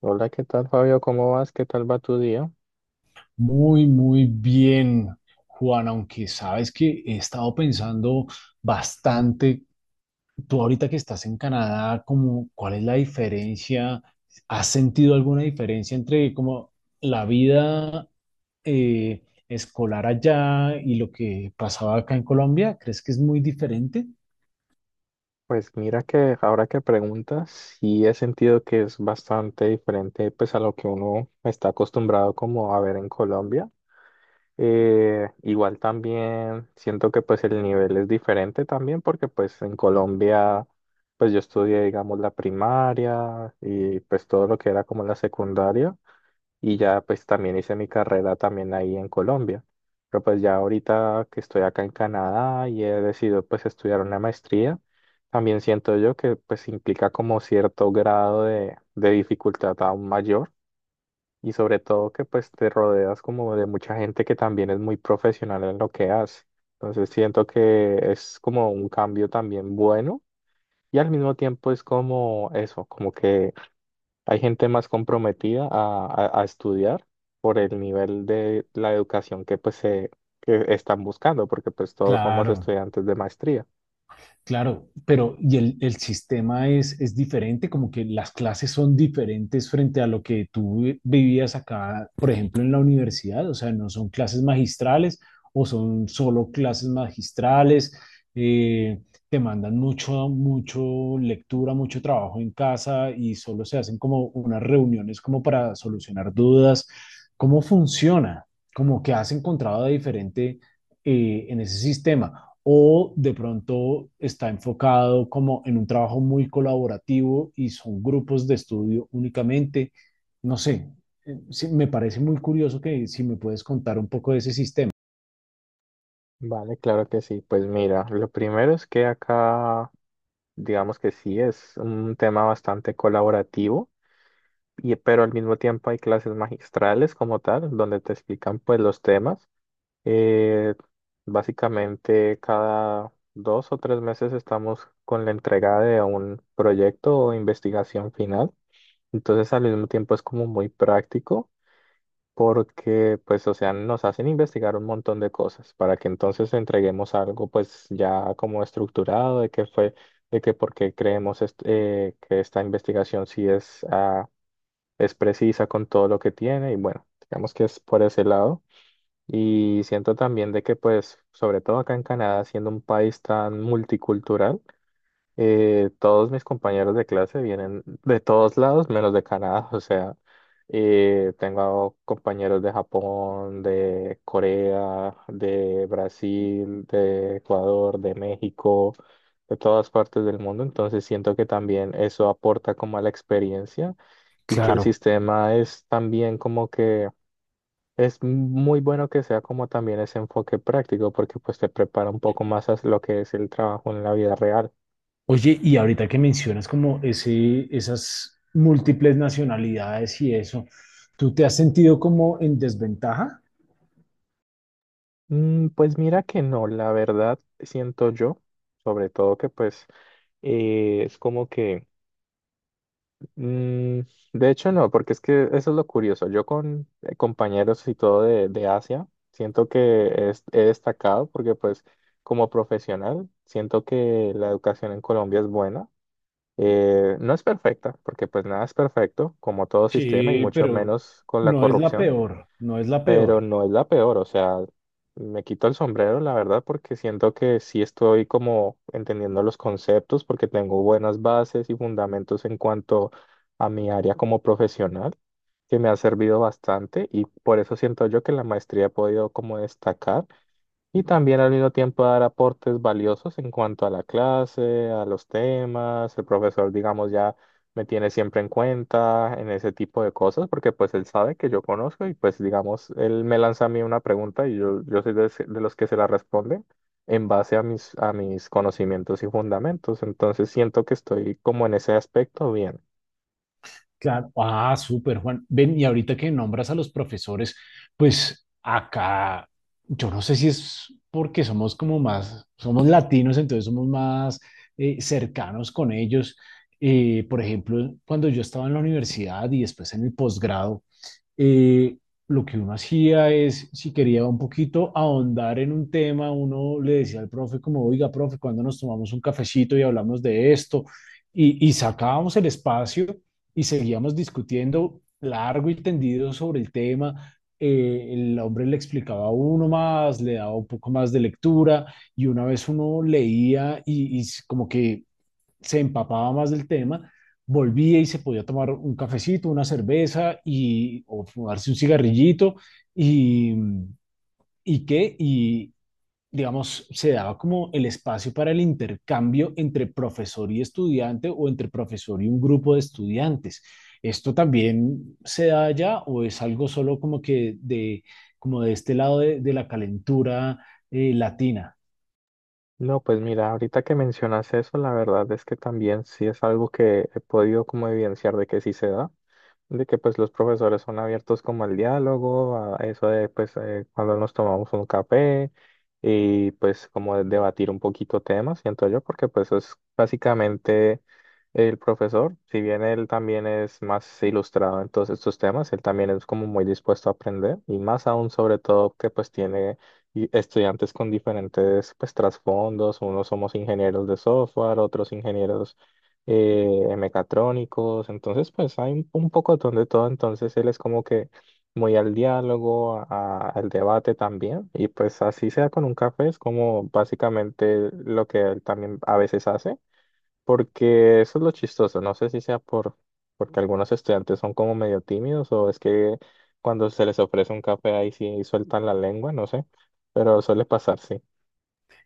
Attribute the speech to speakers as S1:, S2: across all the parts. S1: Hola, ¿qué tal, Fabio? ¿Cómo vas? ¿Qué tal va tu día?
S2: Muy, muy bien, Juan, aunque sabes que he estado pensando bastante. Tú ahorita que estás en Canadá, como, ¿cuál es la diferencia? ¿Has sentido alguna diferencia entre como la vida eh, escolar allá y lo que pasaba acá en Colombia? ¿Crees que es muy diferente?
S1: Pues mira que ahora que preguntas, sí he sentido que es bastante diferente pues a lo que uno está acostumbrado como a ver en Colombia. Igual también siento que pues el nivel es diferente también porque pues en Colombia pues yo estudié digamos la primaria y pues todo lo que era como la secundaria. Y ya pues también hice mi carrera también ahí en Colombia. Pero pues ya ahorita que estoy acá en Canadá y he decidido pues estudiar una maestría, también siento yo que pues implica como cierto grado de dificultad aún mayor y sobre todo que pues te rodeas como de mucha gente que también es muy profesional en lo que hace. Entonces siento que es como un cambio también bueno y al mismo tiempo es como eso, como que hay gente más comprometida a estudiar por el nivel de la educación que pues se que están buscando, porque pues todos somos
S2: Claro.
S1: estudiantes de maestría.
S2: Claro, pero y el sistema es diferente, como que las clases son diferentes frente a lo que tú vivías acá, por ejemplo, en la universidad, o sea, no son clases magistrales o son solo clases magistrales. eh, Te mandan mucho, mucho lectura, mucho trabajo en casa y solo se hacen como unas reuniones como para solucionar dudas. ¿Cómo funciona? Como que has encontrado de diferente en ese sistema, o de pronto está enfocado como en un trabajo muy colaborativo y son grupos de estudio únicamente. No sé, sí, me parece muy curioso que si me puedes contar un poco de ese sistema.
S1: Vale, claro que sí. Pues mira, lo primero es que acá, digamos que sí, es un tema bastante colaborativo, y, pero al mismo tiempo hay clases magistrales como tal, donde te explican pues los temas. Eh, Básicamente cada dos o tres meses estamos con la entrega de un proyecto o investigación final. Entonces al mismo tiempo es como muy práctico porque pues o sea nos hacen investigar un montón de cosas para que entonces entreguemos algo pues ya como estructurado de qué fue, de que por qué creemos que esta investigación sí es, es precisa con todo lo que tiene y bueno, digamos que es por ese lado. Y siento también de que, pues, sobre todo acá en Canadá, siendo un país tan multicultural, todos mis compañeros de clase vienen de todos lados, menos de Canadá. O sea, tengo compañeros de Japón, de Corea, de Brasil, de Ecuador, de México, de todas partes del mundo. Entonces siento que también eso aporta como a la experiencia y que el
S2: Claro.
S1: sistema es también como que es muy bueno que sea como también ese enfoque práctico, porque pues te prepara un poco más a lo que es el trabajo en la vida real.
S2: Oye, y ahorita que mencionas como ese, esas múltiples nacionalidades y eso, ¿tú te has sentido como en desventaja?
S1: Mm, pues mira que no, la verdad siento yo, sobre todo que pues es como que, mm, de hecho no, porque es que eso es lo curioso. Yo con compañeros y todo de Asia, siento que he destacado porque pues como profesional, siento que la educación en Colombia es buena. No es perfecta, porque pues nada es perfecto, como todo sistema y
S2: Sí,
S1: mucho
S2: pero
S1: menos con la
S2: no es la
S1: corrupción,
S2: peor, no es la
S1: pero
S2: peor.
S1: no es la peor, o sea, me quito el sombrero, la verdad, porque siento que sí estoy como entendiendo los conceptos, porque tengo buenas bases y fundamentos en cuanto a mi área como profesional, que me ha servido bastante y por eso siento yo que en la maestría he podido como destacar y también al mismo tiempo dar aportes valiosos en cuanto a la clase, a los temas. El profesor, digamos, ya me tiene siempre en cuenta en ese tipo de cosas porque pues él sabe que yo conozco y pues digamos, él me lanza a mí una pregunta y yo soy de, de los que se la responden en base a mis conocimientos y fundamentos. Entonces siento que estoy como en ese aspecto bien.
S2: Claro, ah, súper, Juan. Ven, y ahorita que nombras a los profesores, pues acá, yo no sé si es porque somos como más, somos latinos, entonces somos más cercanos con ellos. Por ejemplo, cuando yo estaba en la universidad y después en el posgrado, eh, lo que uno hacía es, si quería un poquito ahondar en un tema, uno le decía al profe como, oiga, profe, cuando nos tomamos un cafecito y hablamos de esto, y sacábamos el espacio y seguíamos discutiendo largo y tendido sobre el tema. El hombre le explicaba a uno más, le daba un poco más de lectura, y una vez uno leía y como que se empapaba más del tema, volvía y se podía tomar un cafecito, una cerveza y, o fumarse un cigarrillito y, y qué, y digamos, se daba como el espacio para el intercambio entre profesor y estudiante o entre profesor y un grupo de estudiantes. ¿Esto también se da allá o es algo solo como que de, como de este lado de la calentura latina?
S1: No, pues mira, ahorita que mencionas eso, la verdad es que también sí es algo que he podido como evidenciar de que sí se da. De que pues los profesores son abiertos como al diálogo, a eso de pues cuando nos tomamos un café y pues como de debatir un poquito temas, siento yo, porque pues es básicamente el profesor, si bien él también es más ilustrado en todos estos temas, él también es como muy dispuesto a aprender y más aún sobre todo que pues tiene estudiantes con diferentes pues trasfondos, unos somos ingenieros de software, otros ingenieros mecatrónicos, entonces pues hay un poco de todo, entonces él es como que muy al diálogo, al debate también, y pues así sea con un café, es como básicamente lo que él también a veces hace, porque eso es lo chistoso, no sé si sea por, porque algunos estudiantes son como medio tímidos o es que cuando se les ofrece un café ahí sí sueltan la lengua, no sé, pero suele pasar, sí.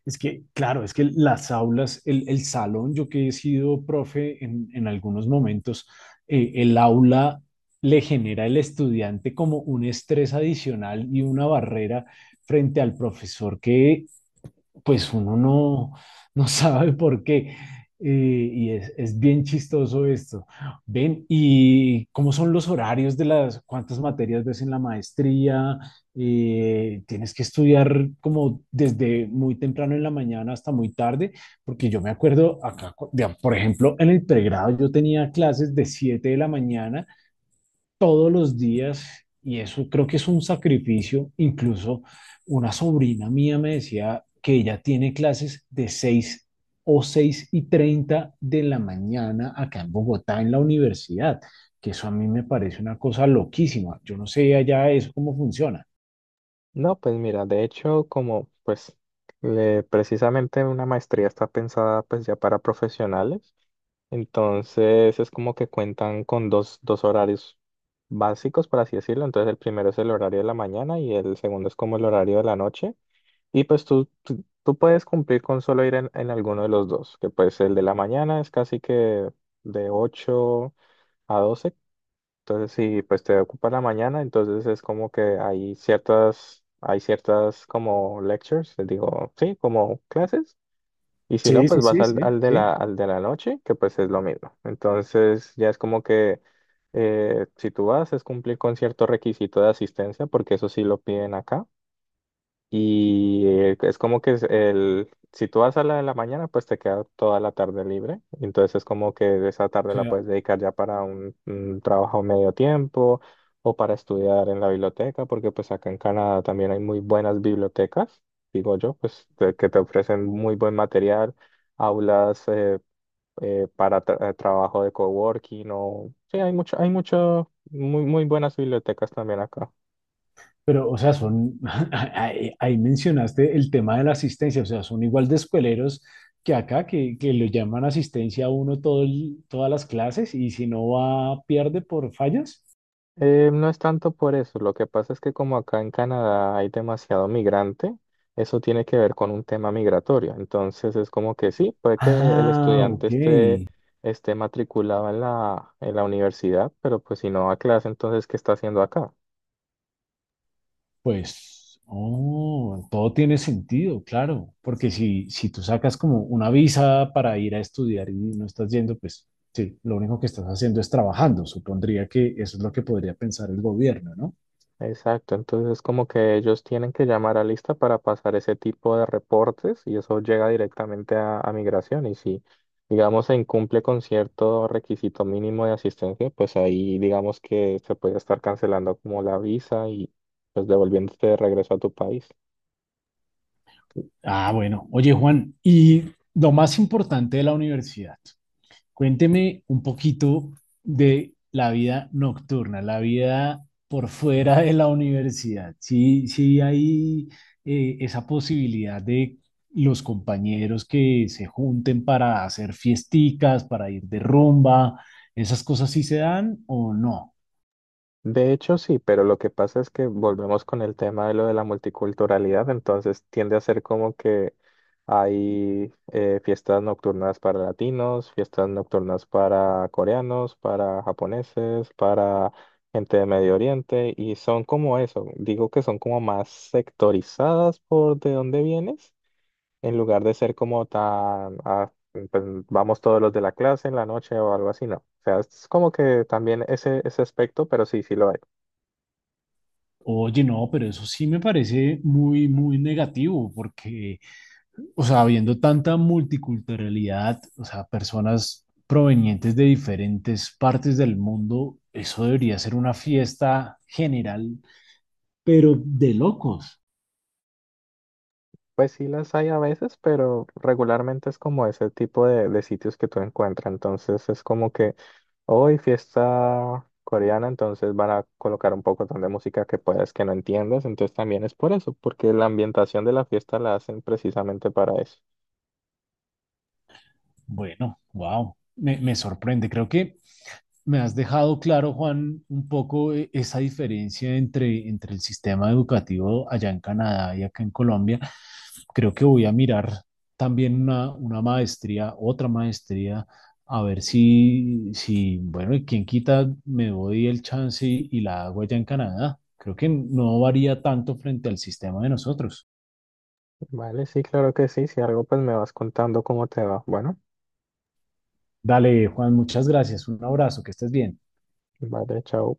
S2: Es que, claro, es que las aulas, el salón, yo que he sido profe en algunos momentos, el aula le genera al estudiante como un estrés adicional y una barrera frente al profesor que pues uno no, no sabe por qué. Y es bien chistoso esto. Ven, ¿y cómo son los horarios de las, cuántas materias ves en la maestría? ¿Tienes que estudiar como desde muy temprano en la mañana hasta muy tarde? Porque yo me acuerdo acá, por ejemplo, en el pregrado yo tenía clases de 7 de la mañana todos los días y eso creo que es un sacrificio. Incluso una sobrina mía me decía que ella tiene clases de 6 o 6:30 de la mañana acá en Bogotá, en la universidad, que eso a mí me parece una cosa loquísima. Yo no sé allá eso cómo funciona.
S1: No, pues mira, de hecho, como pues precisamente una maestría está pensada pues ya para profesionales, entonces es como que cuentan con dos horarios básicos, por así decirlo. Entonces el primero es el horario de la mañana y el segundo es como el horario de la noche. Y pues tú, tú puedes cumplir con solo ir en alguno de los dos, que pues el de la mañana es casi que de 8 a 12. Entonces, si pues te ocupa la mañana, entonces es como que hay ciertas como lectures, les digo, sí, como clases. Y si no,
S2: Sí,
S1: pues
S2: sí,
S1: vas
S2: sí,
S1: al,
S2: sí, sí.
S1: al de la noche, que pues es lo mismo. Entonces, ya es como que si tú vas, es cumplir con cierto requisito de asistencia, porque eso sí lo piden acá. Y es como que es el, si tú vas a la de la mañana, pues te queda toda la tarde libre. Entonces es como que esa tarde
S2: O
S1: la
S2: sea,
S1: puedes dedicar ya para un trabajo medio tiempo o para estudiar en la biblioteca, porque pues acá en Canadá también hay muy buenas bibliotecas, digo yo, que te ofrecen muy buen material, aulas para trabajo de coworking o... Sí, hay mucho, muy, muy buenas bibliotecas también acá.
S2: pero, o sea, son, ahí, ahí mencionaste el tema de la asistencia, o sea, son igual de escueleros que acá, que lo llaman asistencia a uno todo todas las clases y si no va, pierde por fallas.
S1: No es tanto por eso, lo que pasa es que como acá en Canadá hay demasiado migrante, eso tiene que ver con un tema migratorio. Entonces es como que sí, puede que el
S2: Ah,
S1: estudiante esté,
S2: ok.
S1: esté matriculado en la universidad, pero pues si no va a clase, entonces ¿qué está haciendo acá?
S2: Pues, oh, todo tiene sentido, claro, porque si, si tú sacas como una visa para ir a estudiar y no estás yendo, pues sí, lo único que estás haciendo es trabajando. Supondría que eso es lo que podría pensar el gobierno, ¿no?
S1: Exacto, entonces como que ellos tienen que llamar a lista para pasar ese tipo de reportes y eso llega directamente a migración y si digamos se incumple con cierto requisito mínimo de asistencia, pues ahí digamos que se puede estar cancelando como la visa y pues devolviéndote de regreso a tu país.
S2: Ah, bueno, oye Juan, y lo más importante de la universidad. Cuénteme un poquito de la vida nocturna, la vida por fuera de la universidad. Sí, sí hay esa posibilidad de los compañeros que se junten para hacer fiesticas, para ir de rumba, esas cosas sí se dan o no.
S1: De hecho, sí, pero lo que pasa es que volvemos con el tema de lo de la multiculturalidad, entonces tiende a ser como que hay fiestas nocturnas para latinos, fiestas nocturnas para coreanos, para japoneses, para gente de Medio Oriente, y son como eso, digo que son como más sectorizadas por de dónde vienes, en lugar de ser como tan, pues, vamos todos los de la clase en la noche o algo así, no. O sea, es como que también ese aspecto, pero sí, sí lo hay.
S2: Oye, no, pero eso sí me parece muy, muy negativo porque o sea, habiendo tanta multiculturalidad, o sea, personas provenientes de diferentes partes del mundo, eso debería ser una fiesta general, pero de locos.
S1: Pues sí las hay a veces, pero regularmente es como ese tipo de sitios que tú encuentras. Entonces es como que hoy fiesta coreana, entonces van a colocar un poco de música que puedas que no entiendas. Entonces también es por eso, porque la ambientación de la fiesta la hacen precisamente para eso.
S2: Bueno, wow, me sorprende. Creo que me has dejado claro, Juan, un poco esa diferencia entre, entre el sistema educativo allá en Canadá y acá en Colombia. Creo que voy a mirar también una maestría, otra maestría, a ver si, si, bueno, y quién quita, me doy el chance y la hago allá en Canadá. Creo que no varía tanto frente al sistema de nosotros.
S1: Vale, sí, claro que sí. Si algo, pues me vas contando cómo te va. Bueno,
S2: Dale, Juan, muchas gracias. Un abrazo, que estés bien.
S1: vale, chao.